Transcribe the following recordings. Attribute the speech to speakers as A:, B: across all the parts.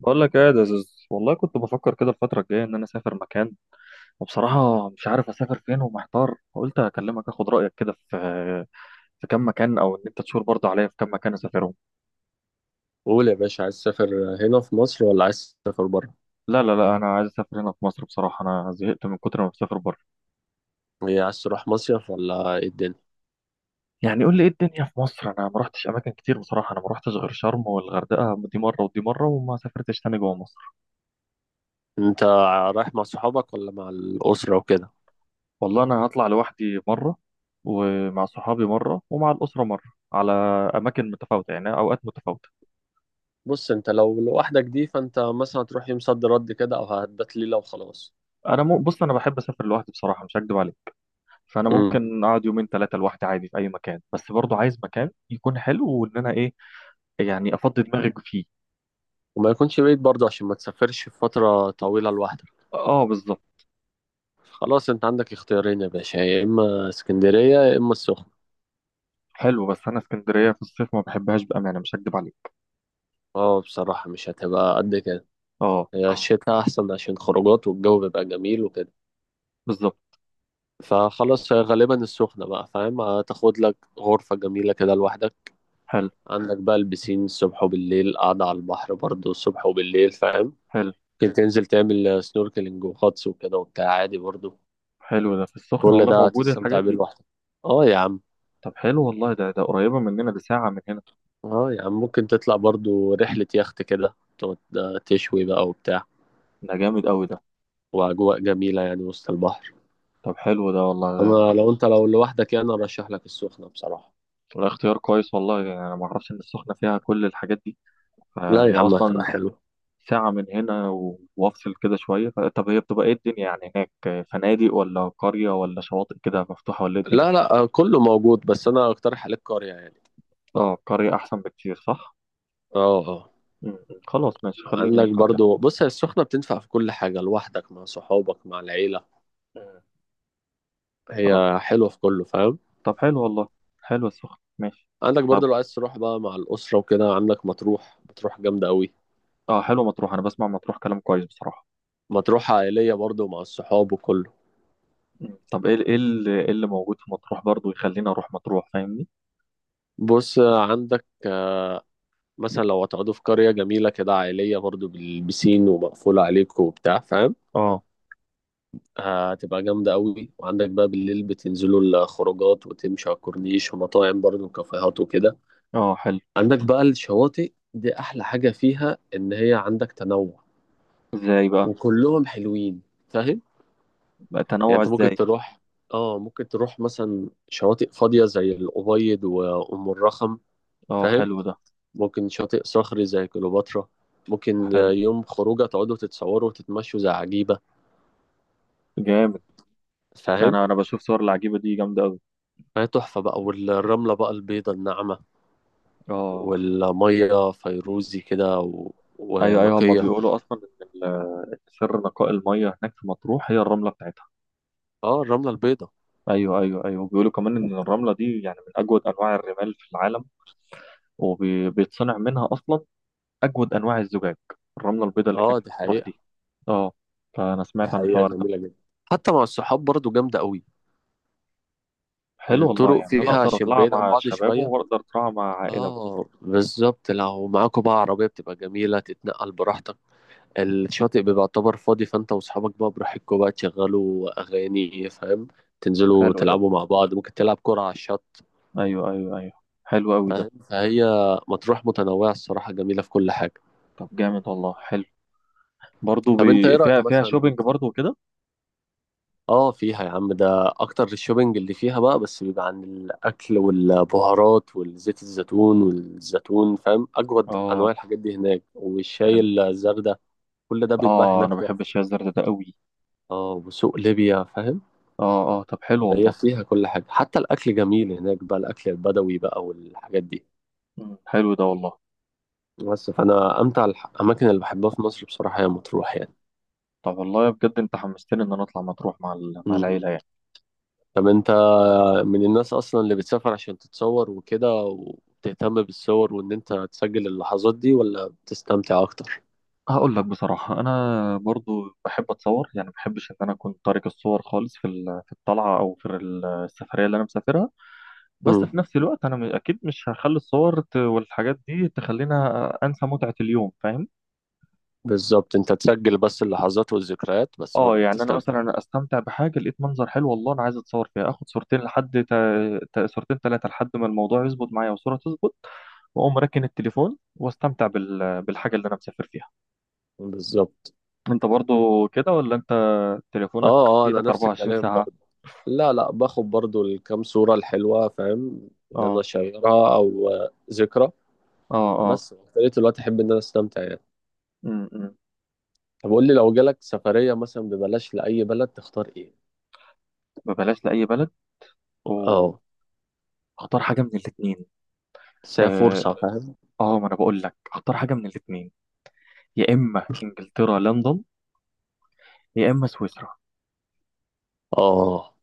A: بقول لك ايه يا دزوز، والله كنت بفكر كده الفترة الجاية ان انا اسافر مكان، وبصراحة مش عارف اسافر فين ومحتار، فقلت اكلمك اخد رأيك كده في كام مكان، او ان انت تشور برضه عليا في كام مكان اسافرهم.
B: قول يا باشا، عايز تسافر هنا في مصر ولا عايز تسافر بره؟
A: لا لا لا، انا عايز اسافر هنا في مصر. بصراحة انا زهقت من كتر ما بسافر بره.
B: إيه، عايز تروح مصيف ولا ايه الدنيا؟
A: يعني قول لي ايه الدنيا في مصر. انا ما رحتش اماكن كتير بصراحة، انا ما رحتش غير شرم والغردقة، دي مرة ودي مرة، وما سافرتش تاني جوه مصر.
B: انت رايح مع صحابك ولا مع الأسرة وكده؟
A: والله انا هطلع لوحدي مرة، ومع صحابي مرة، ومع الأسرة مرة، على أماكن متفاوتة، يعني أوقات متفاوتة.
B: بص، انت لو لوحدك دي فانت مثلا هتروح يوم صد رد كده او هتبات ليلة وخلاص.
A: بص، انا بحب اسافر لوحدي بصراحه، مش هكدب عليك. فانا
B: امم.
A: ممكن اقعد يومين ثلاثه لوحدي عادي في اي مكان، بس برضو عايز مكان يكون حلو، وان انا ايه، يعني افضي دماغك فيه.
B: وما يكونش بعيد برضه عشان ما تسافرش في فترة طويلة لوحدك.
A: اه بالظبط.
B: خلاص، انت عندك اختيارين يا باشا، يا اما اسكندرية يا اما السخنة.
A: حلو، بس انا اسكندريه في الصيف ما بحبهاش بامانه، مش هكدب عليك.
B: اه، بصراحة مش هتبقى قد كده.
A: اه
B: هي الشتاء احسن عشان خروجات والجو بيبقى جميل وكده.
A: بالظبط.
B: فخلاص، هي غالبا السخنة بقى، فاهم، هتاخد لك غرفة جميلة كده لوحدك.
A: حلو.
B: عندك بقى البسين الصبح وبالليل، قاعدة على البحر برضو الصبح وبالليل، فاهم.
A: حلو.
B: ممكن تنزل تعمل سنوركلينج وغطس وكده وبتاع عادي برضو.
A: حلو، ده في السخنه
B: كل
A: والله
B: ده
A: موجود
B: هتستمتع
A: الحاجات
B: بيه
A: دي؟
B: لوحدك. اه يا عم.
A: طب حلو والله، ده قريبه مننا، ده ساعه من هنا.
B: اه يا عم، ممكن تطلع برضو رحلة يخت كده تقعد تشوي بقى وبتاع.
A: ده جامد قوي ده.
B: وأجواء جميلة يعني وسط البحر.
A: طب حلو ده والله ده.
B: أنا لو أنت لو لوحدك يعني أرشح لك السخنة بصراحة.
A: ده اختيار كويس والله، يعني انا ما اعرفش ان السخنه فيها كل الحاجات دي.
B: لا
A: فهي
B: يا عم، هتبقى
A: اصلا
B: حلو.
A: ساعة من هنا، وافصل كده شوية. طب هي بتبقى ايه الدنيا يعني هناك؟ فنادق ولا قرية ولا شواطئ كده مفتوحة، ولا ايه الدنيا؟
B: لا لا، كله موجود بس أنا أقترح عليك قرية يعني.
A: اه، قرية احسن بكتير، صح.
B: اه اه.
A: م- م. خلاص ماشي، خليني
B: عندك
A: قرية
B: برضو،
A: أحسن.
B: بص، هي السخنة بتنفع في كل حاجة، لوحدك، مع صحابك، مع العيلة.
A: م. اه.
B: هي حلوة في كله، فاهم.
A: طب حلو والله، حلو السخن ماشي.
B: عندك برضو
A: طب
B: لو عايز تروح بقى مع الأسرة وكده، عندك مطروح. مطروح جامدة أوي.
A: اه، حلو مطروح، انا بسمع مطروح كلام كويس بصراحة.
B: مطروح عائلية برضو، مع الصحاب وكله.
A: م. طب ايه، ايه اللي موجود في مطروح برضو يخليني اروح مطروح، فاهمني؟
B: بص، عندك مثلا لو هتقعدوا في قرية جميلة كده عائلية برضو بالبسين ومقفولة عليكم وبتاع، فاهم.
A: اه
B: هتبقى جامدة أوي، وعندك بقى بالليل بتنزلوا الخروجات وتمشوا على الكورنيش، ومطاعم برضو وكافيهات وكده.
A: اه. حلو.
B: عندك بقى الشواطئ، دي احلى حاجة فيها ان هي عندك تنوع.
A: ازاي بقى؟
B: وكلهم حلوين. فاهم.
A: بقى
B: يعني
A: تنوع
B: انت
A: ازاي؟
B: ممكن تروح مثلا شواطئ فاضية زي الأبيض وأم الرخم.
A: اه
B: فاهم.
A: حلو ده.
B: ممكن شاطئ صخري زي كليوباترا. ممكن
A: حلو.
B: يوم خروجة تقعدوا تتصوروا وتتمشوا زي عجيبة.
A: جامد.
B: فاهم.
A: انا بشوف صور العجيبة دي جامدة أوي.
B: فهي تحفة بقى، والرملة بقى البيضة الناعمة،
A: اه.
B: والمية فيروزي كده
A: ايوه ايوه، هما
B: ونقية.
A: بيقولوا اصلا سر نقاء الميه هناك في مطروح هي الرمله بتاعتها.
B: اه، الرملة البيضة.
A: ايوه ايوه ايوه، بيقولوا كمان ان الرمله دي يعني من اجود انواع الرمال في العالم، وبيتصنع منها اصلا اجود انواع الزجاج، الرمله البيضاء اللي
B: اه
A: هناك في
B: دي
A: مطروح
B: حقيقة.
A: دي. اه. فانا
B: دي
A: سمعت عن
B: حقيقة
A: الحوار ده.
B: جميلة جدا. حتى مع الصحاب برضو جامدة قوي.
A: حلو والله،
B: الطرق
A: يعني انا
B: فيها
A: اقدر
B: عشان
A: اطلع
B: بعيد عن
A: مع
B: بعض
A: الشباب
B: شوية.
A: واقدر اطلع مع عائله برضه.
B: اه بالظبط، لو معاكوا بقى عربية بتبقى جميلة تتنقل براحتك. الشاطئ بيبقى يعتبر فاضي، فانت واصحابك بقى براحتكوا بقى تشغلوا اغاني، فاهم. تنزلوا
A: حلو ده.
B: تلعبوا مع بعض، ممكن تلعب كرة على الشط.
A: ايوه ايوه ايوه. حلو قوي ده.
B: فاهم. فهي مطروح متنوعة الصراحة، جميلة في كل حاجة.
A: طب جامد والله، حلو. برضه
B: طب انت ايه رأيك
A: فيها، فيها
B: مثلا؟
A: شوبينج برضه وكده.
B: اه فيها يا عم، ده اكتر الشوبينج اللي فيها بقى بس بيبقى عن الاكل والبهارات والزيت الزيتون والزيتون، فاهم، اجود انواع
A: اه.
B: الحاجات دي هناك، والشاي
A: حلو.
B: الزردة، كل ده بيتباع
A: اه،
B: هناك
A: انا بحب
B: تحفه.
A: الشاي الزرد ده قوي.
B: اه، وسوق ليبيا، فاهم.
A: اه اه، طب حلو
B: هي
A: والله.
B: فيها كل حاجه، حتى الاكل جميل هناك بقى، الاكل البدوي بقى والحاجات دي.
A: مم. حلو ده والله.
B: بس فانا امتع الاماكن اللي بحبها في مصر بصراحه هي مطروح يعني.
A: طب والله بجد انت حمستني ان انا اطلع مطروح مع مع
B: مم.
A: العيله يعني.
B: طب انت من الناس اصلا اللي بتسافر عشان تتصور وكده وبتهتم بالصور وان انت تسجل اللحظات دي، ولا بتستمتع اكتر؟
A: هقول لك بصراحه، انا برضو بحب اتصور يعني، ما بحبش ان انا اكون طارق الصور خالص في في الطلعه، او في السفريه اللي انا مسافرها. بس
B: امم.
A: في نفس الوقت انا اكيد مش هخلي الصور والحاجات دي تخلينا انسى متعه اليوم، فاهم؟
B: بالظبط، انت تسجل بس اللحظات والذكريات، بس برضه
A: اه، يعني انا
B: بتستمتع.
A: مثلا استمتع بحاجه، لقيت منظر حلو والله، انا عايز اتصور فيها، اخد صورتين لحد صورتين ثلاثه لحد ما الموضوع يظبط معايا والصوره تظبط، واقوم راكن التليفون واستمتع بالحاجه اللي انا مسافر فيها.
B: بالظبط.
A: انت برضو كده ولا انت
B: اه
A: تليفونك
B: اه،
A: في
B: انا
A: ايدك
B: نفس الكلام
A: 24 ساعه؟
B: برضه. لا لا، باخد برضه الكام صورة الحلوة، فاهم، ان انا
A: اه
B: اشيرها او ذكرى.
A: اه. اه.
B: بس في بقية الوقت احب ان انا استمتع يعني.
A: امم.
B: طب قول لي، لو جالك سفرية مثلا ببلاش لأي بلد تختار ايه؟
A: ببلاش لاي بلد واختار
B: اه.
A: حاجه من الاثنين.
B: بس هي
A: اه.
B: فرصة، فاهم؟
A: ما انا بقول لك اختار حاجه من الاثنين، يا اما انجلترا لندن، يا اما سويسرا.
B: اه،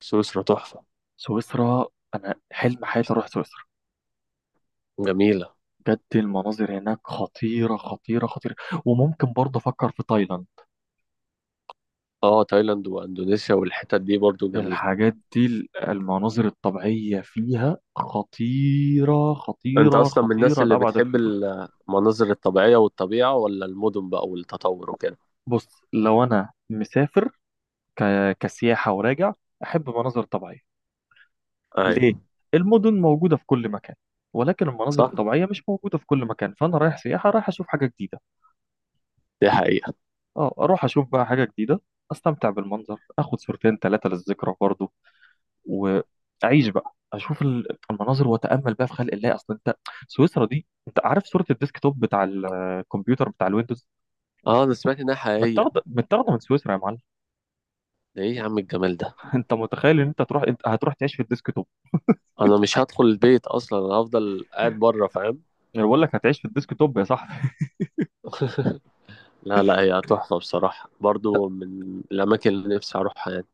B: سويسرا تحفة.
A: سويسرا، انا حلم حياتي اروح سويسرا.
B: جميلة.
A: بجد المناظر هناك خطيرة خطيرة خطيرة. وممكن برضه أفكر في تايلاند.
B: اه، تايلاند واندونيسيا والحتت دي برضو جميلة.
A: الحاجات دي، المناظر الطبيعية فيها خطيرة
B: انت
A: خطيرة
B: اصلا من الناس
A: خطيرة
B: اللي
A: لأبعد
B: بتحب
A: الحدود.
B: المناظر الطبيعية والطبيعة، ولا المدن بقى والتطور وكده؟
A: بص، لو أنا مسافر ك... كسياحة وراجع، أحب مناظر طبيعية.
B: ايوه.
A: ليه؟ المدن موجودة في كل مكان، ولكن المناظر
B: صح.
A: الطبيعية مش موجودة في كل مكان، فأنا رايح سياحة، رايح أشوف حاجة جديدة.
B: دي حقيقة.
A: أه أروح أشوف بقى حاجة جديدة، أستمتع بالمنظر، أخد صورتين ثلاثة للذكرى برضه، واعيش بقى اشوف المناظر واتامل بقى في خلق الله. اصل انت سويسرا دي، انت عارف صوره الديسك توب بتاع الكمبيوتر بتاع الويندوز؟
B: اه، انا سمعت انها حقيقية.
A: متاخده من سويسرا يا معلم.
B: ده ايه يا عم الجمال ده!
A: انت متخيل ان انت تروح؟ انت هتروح تعيش في الديسك توب.
B: انا مش هدخل البيت اصلا، انا هفضل قاعد بره، فاهم.
A: انا بقول لك هتعيش في الديسك توب يا صاحبي.
B: لا لا، هي تحفة بصراحة برضو، من الأماكن اللي نفسي أروحها يعني.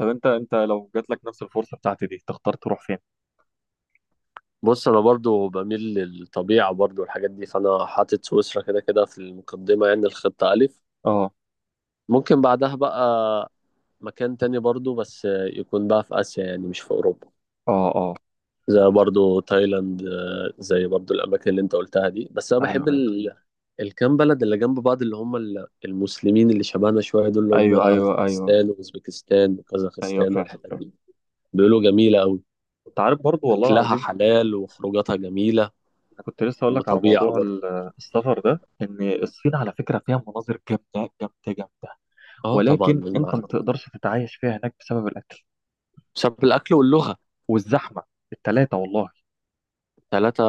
A: طب انت لو جات لك نفس الفرصه بتاعتي دي، تختار تروح فين؟
B: بص، أنا برضو بميل للطبيعة برضو والحاجات دي، فأنا حاطط سويسرا كده كده في المقدمة، يعني الخطة ألف.
A: اه
B: ممكن بعدها بقى مكان تاني برضو بس يكون بقى في آسيا، يعني مش في أوروبا.
A: اه. اه.
B: زي برضو تايلاند، زي برضو الأماكن اللي أنت قلتها دي، بس أنا بحب
A: ايوه ايوه
B: الكام بلد اللي جنب بعض اللي هم المسلمين اللي شبهنا شوية، دول اللي
A: ايوه.
B: هم
A: ايوه ايوه
B: تاجikistan وأوزبكستان
A: ايوه.
B: وكازاخستان
A: فاهم
B: والحتت
A: فاهم.
B: دي. بيقولوا جميلة أوي.
A: انت عارف برضو، والله
B: أكلها
A: العظيم
B: حلال وخروجاتها جميلة.
A: أنا كنت لسه أقول لك على
B: وطبيعة
A: موضوع
B: برضو.
A: السفر ده، إن الصين على فكرة فيها مناظر جامدة جامدة جامدة،
B: أه طبعا
A: ولكن أنت
B: مع-.
A: ما تقدرش تتعايش فيها هناك بسبب الأكل
B: بسبب الأكل واللغة.
A: والزحمة، التلاتة والله.
B: ثلاثة.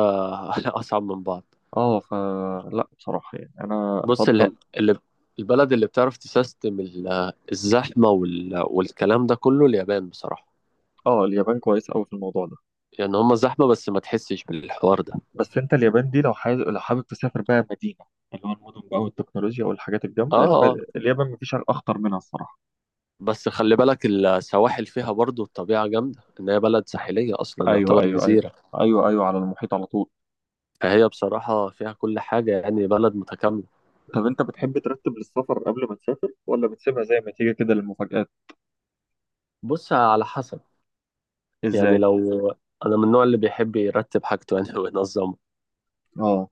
B: أصعب من بعض.
A: أه. فلا بصراحة يعني أنا
B: بص
A: أفضل.
B: اللي البلد اللي بتعرف تسيستم الزحمة والكلام ده كله اليابان بصراحة.
A: أه اليابان كويس أوي في الموضوع ده.
B: يعني هما زحمة بس ما تحسش بالحوار ده.
A: بس أنت اليابان دي، لو حابب، تسافر بقى مدينة، اللي هو المدن بقى والتكنولوجيا والحاجات
B: اه
A: الجامدة،
B: اه.
A: اليابان مفيش أخطر منها الصراحة.
B: بس خلي بالك السواحل فيها برضو الطبيعة جامدة، ان هي بلد ساحلية اصلا،
A: أيوه
B: يعتبر
A: أيوه أيوه.
B: جزيرة.
A: أيوه أيوه، على المحيط على طول.
B: فهي بصراحة فيها كل حاجة، يعني بلد متكاملة.
A: طب انت بتحب ترتب للسفر قبل ما تسافر، ولا بتسيبها زي ما تيجي كده للمفاجآت؟
B: بص، على حسب. يعني
A: ازاي؟
B: لو انا من النوع اللي بيحب يرتب حاجته يعني وينظمه.
A: اه.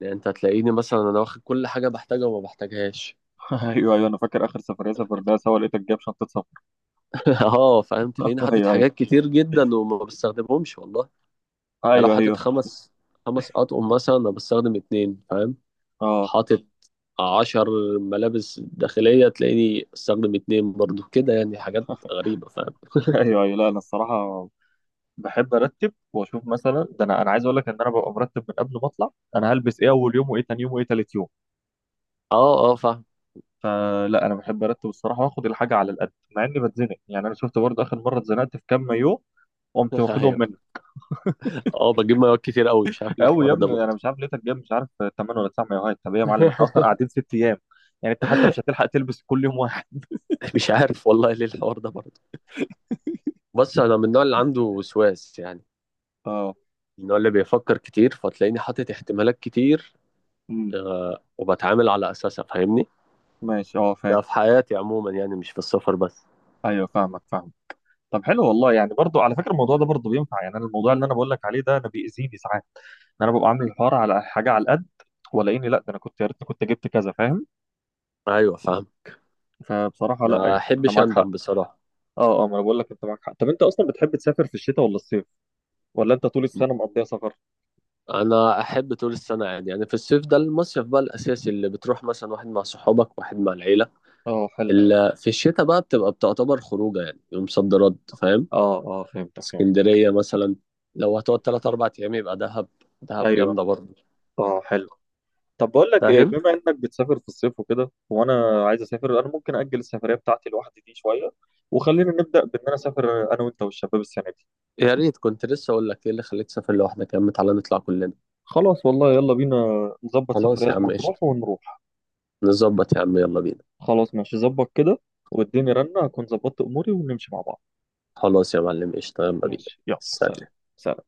B: يعني انت هتلاقيني مثلا انا واخد كل حاجة بحتاجها وما بحتاجهاش.
A: ايوه ايوه، انا فاكر اخر سفرية سافرناها سوا لقيتك جايب شنطة سفر.
B: اه فاهم، تلاقيني حاطط
A: ايوه
B: حاجات
A: ايوه.
B: كتير جدا وما بستخدمهمش والله. يعني لو
A: ايوه
B: حاطط
A: ايوه.
B: خمس اطقم مثلا، انا بستخدم اتنين، فاهم.
A: اه.
B: حاطط 10 ملابس داخلية تلاقيني استخدم اتنين برضو كده، يعني حاجات غريبة، فاهم.
A: ايوه ايوه. لا انا الصراحة بحب ارتب واشوف، مثلا ده انا عايز اقول لك ان انا ببقى مرتب من قبل ما اطلع، انا هلبس ايه اول يوم، وايه تاني يوم، وايه تالت يوم.
B: اه اه فاهم.
A: فلا انا بحب ارتب الصراحة واخد الحاجة على القد، مع اني بتزنق. يعني انا شفت برضه اخر مرة اتزنقت في كام مايو، قمت واخدهم.
B: ايوه. اه بجيب مايوهات كتير قوي، مش عارف ليه
A: قوي يا
B: الحوار ده
A: ابني، انا
B: برضه.
A: مش عارف لقيتك جايب، مش عارف، 8 ولا 9 مايوهات؟ طب ايه يا معلم، احنا اصلا قاعدين ست ايام، يعني انت حتى مش هتلحق تلبس كل يوم واحد.
B: مش عارف والله ليه الحوار ده برضه. بص، انا من النوع اللي عنده وسواس يعني،
A: اه.
B: من النوع اللي بيفكر كتير، فتلاقيني حاطط احتمالات كتير.
A: امم.
B: آه، وبتعامل على اساسها، فاهمني.
A: ماشي اه، فاهم.
B: ده في حياتي عموما يعني، مش في السفر بس.
A: ايوه فاهمك، فاهم. طب حلو والله، يعني برضو على فكره الموضوع ده برضو بينفع، يعني انا الموضوع اللي انا بقول لك عليه ده انا بيأذيني ساعات، ان انا ببقى عامل الحوار على حاجه على القد، ولاقيني لا، ده انا كنت يا ريتني كنت جبت كذا، فاهم؟
B: ايوه فاهم.
A: فبصراحه لا،
B: ما
A: يعني انت
B: احبش
A: معاك حق.
B: اندم بصراحه.
A: اه اه، ما انا بقول لك انت معاك حق. طب انت اصلا بتحب تسافر في الشتاء ولا الصيف، ولا انت طول السنه مقضيها سفر؟
B: انا احب طول السنه عادي يعني، في الصيف ده المصيف بقى الاساسي اللي بتروح مثلا واحد مع صحابك واحد مع العيله.
A: اه حلو.
B: اللي في الشتاء بقى بتبقى بتعتبر خروجه، يعني يوم صد رد، فاهم.
A: اه اه، فهمتك، فهمت.
B: اسكندريه مثلا، لو هتقعد تلات اربع ايام يبقى دهب. دهب
A: ايوه.
B: جامده برضه.
A: اه حلو. طب بقول لك ايه،
B: فاهم.
A: بما انك بتسافر في الصيف وكده وانا عايز اسافر، انا ممكن اجل السفريه بتاعتي لوحدي دي شويه، وخلينا نبدا بان انا اسافر انا وانت والشباب السنه دي.
B: يا ريت، كنت لسه اقول لك ايه اللي خليك تسافر لوحدك يا عم، تعالى نطلع كلنا.
A: خلاص والله يلا بينا، نظبط
B: خلاص
A: سفريه
B: يا عم قشطه.
A: لمطروح ونروح.
B: نظبط يا عم، يلا بينا.
A: خلاص ماشي ظبط كده، واديني رنه اكون ظبطت اموري ونمشي مع بعض.
B: خلاص يا معلم قشطه، يلا بينا.
A: ماشي، يلا سلام.
B: سلام.
A: سلام.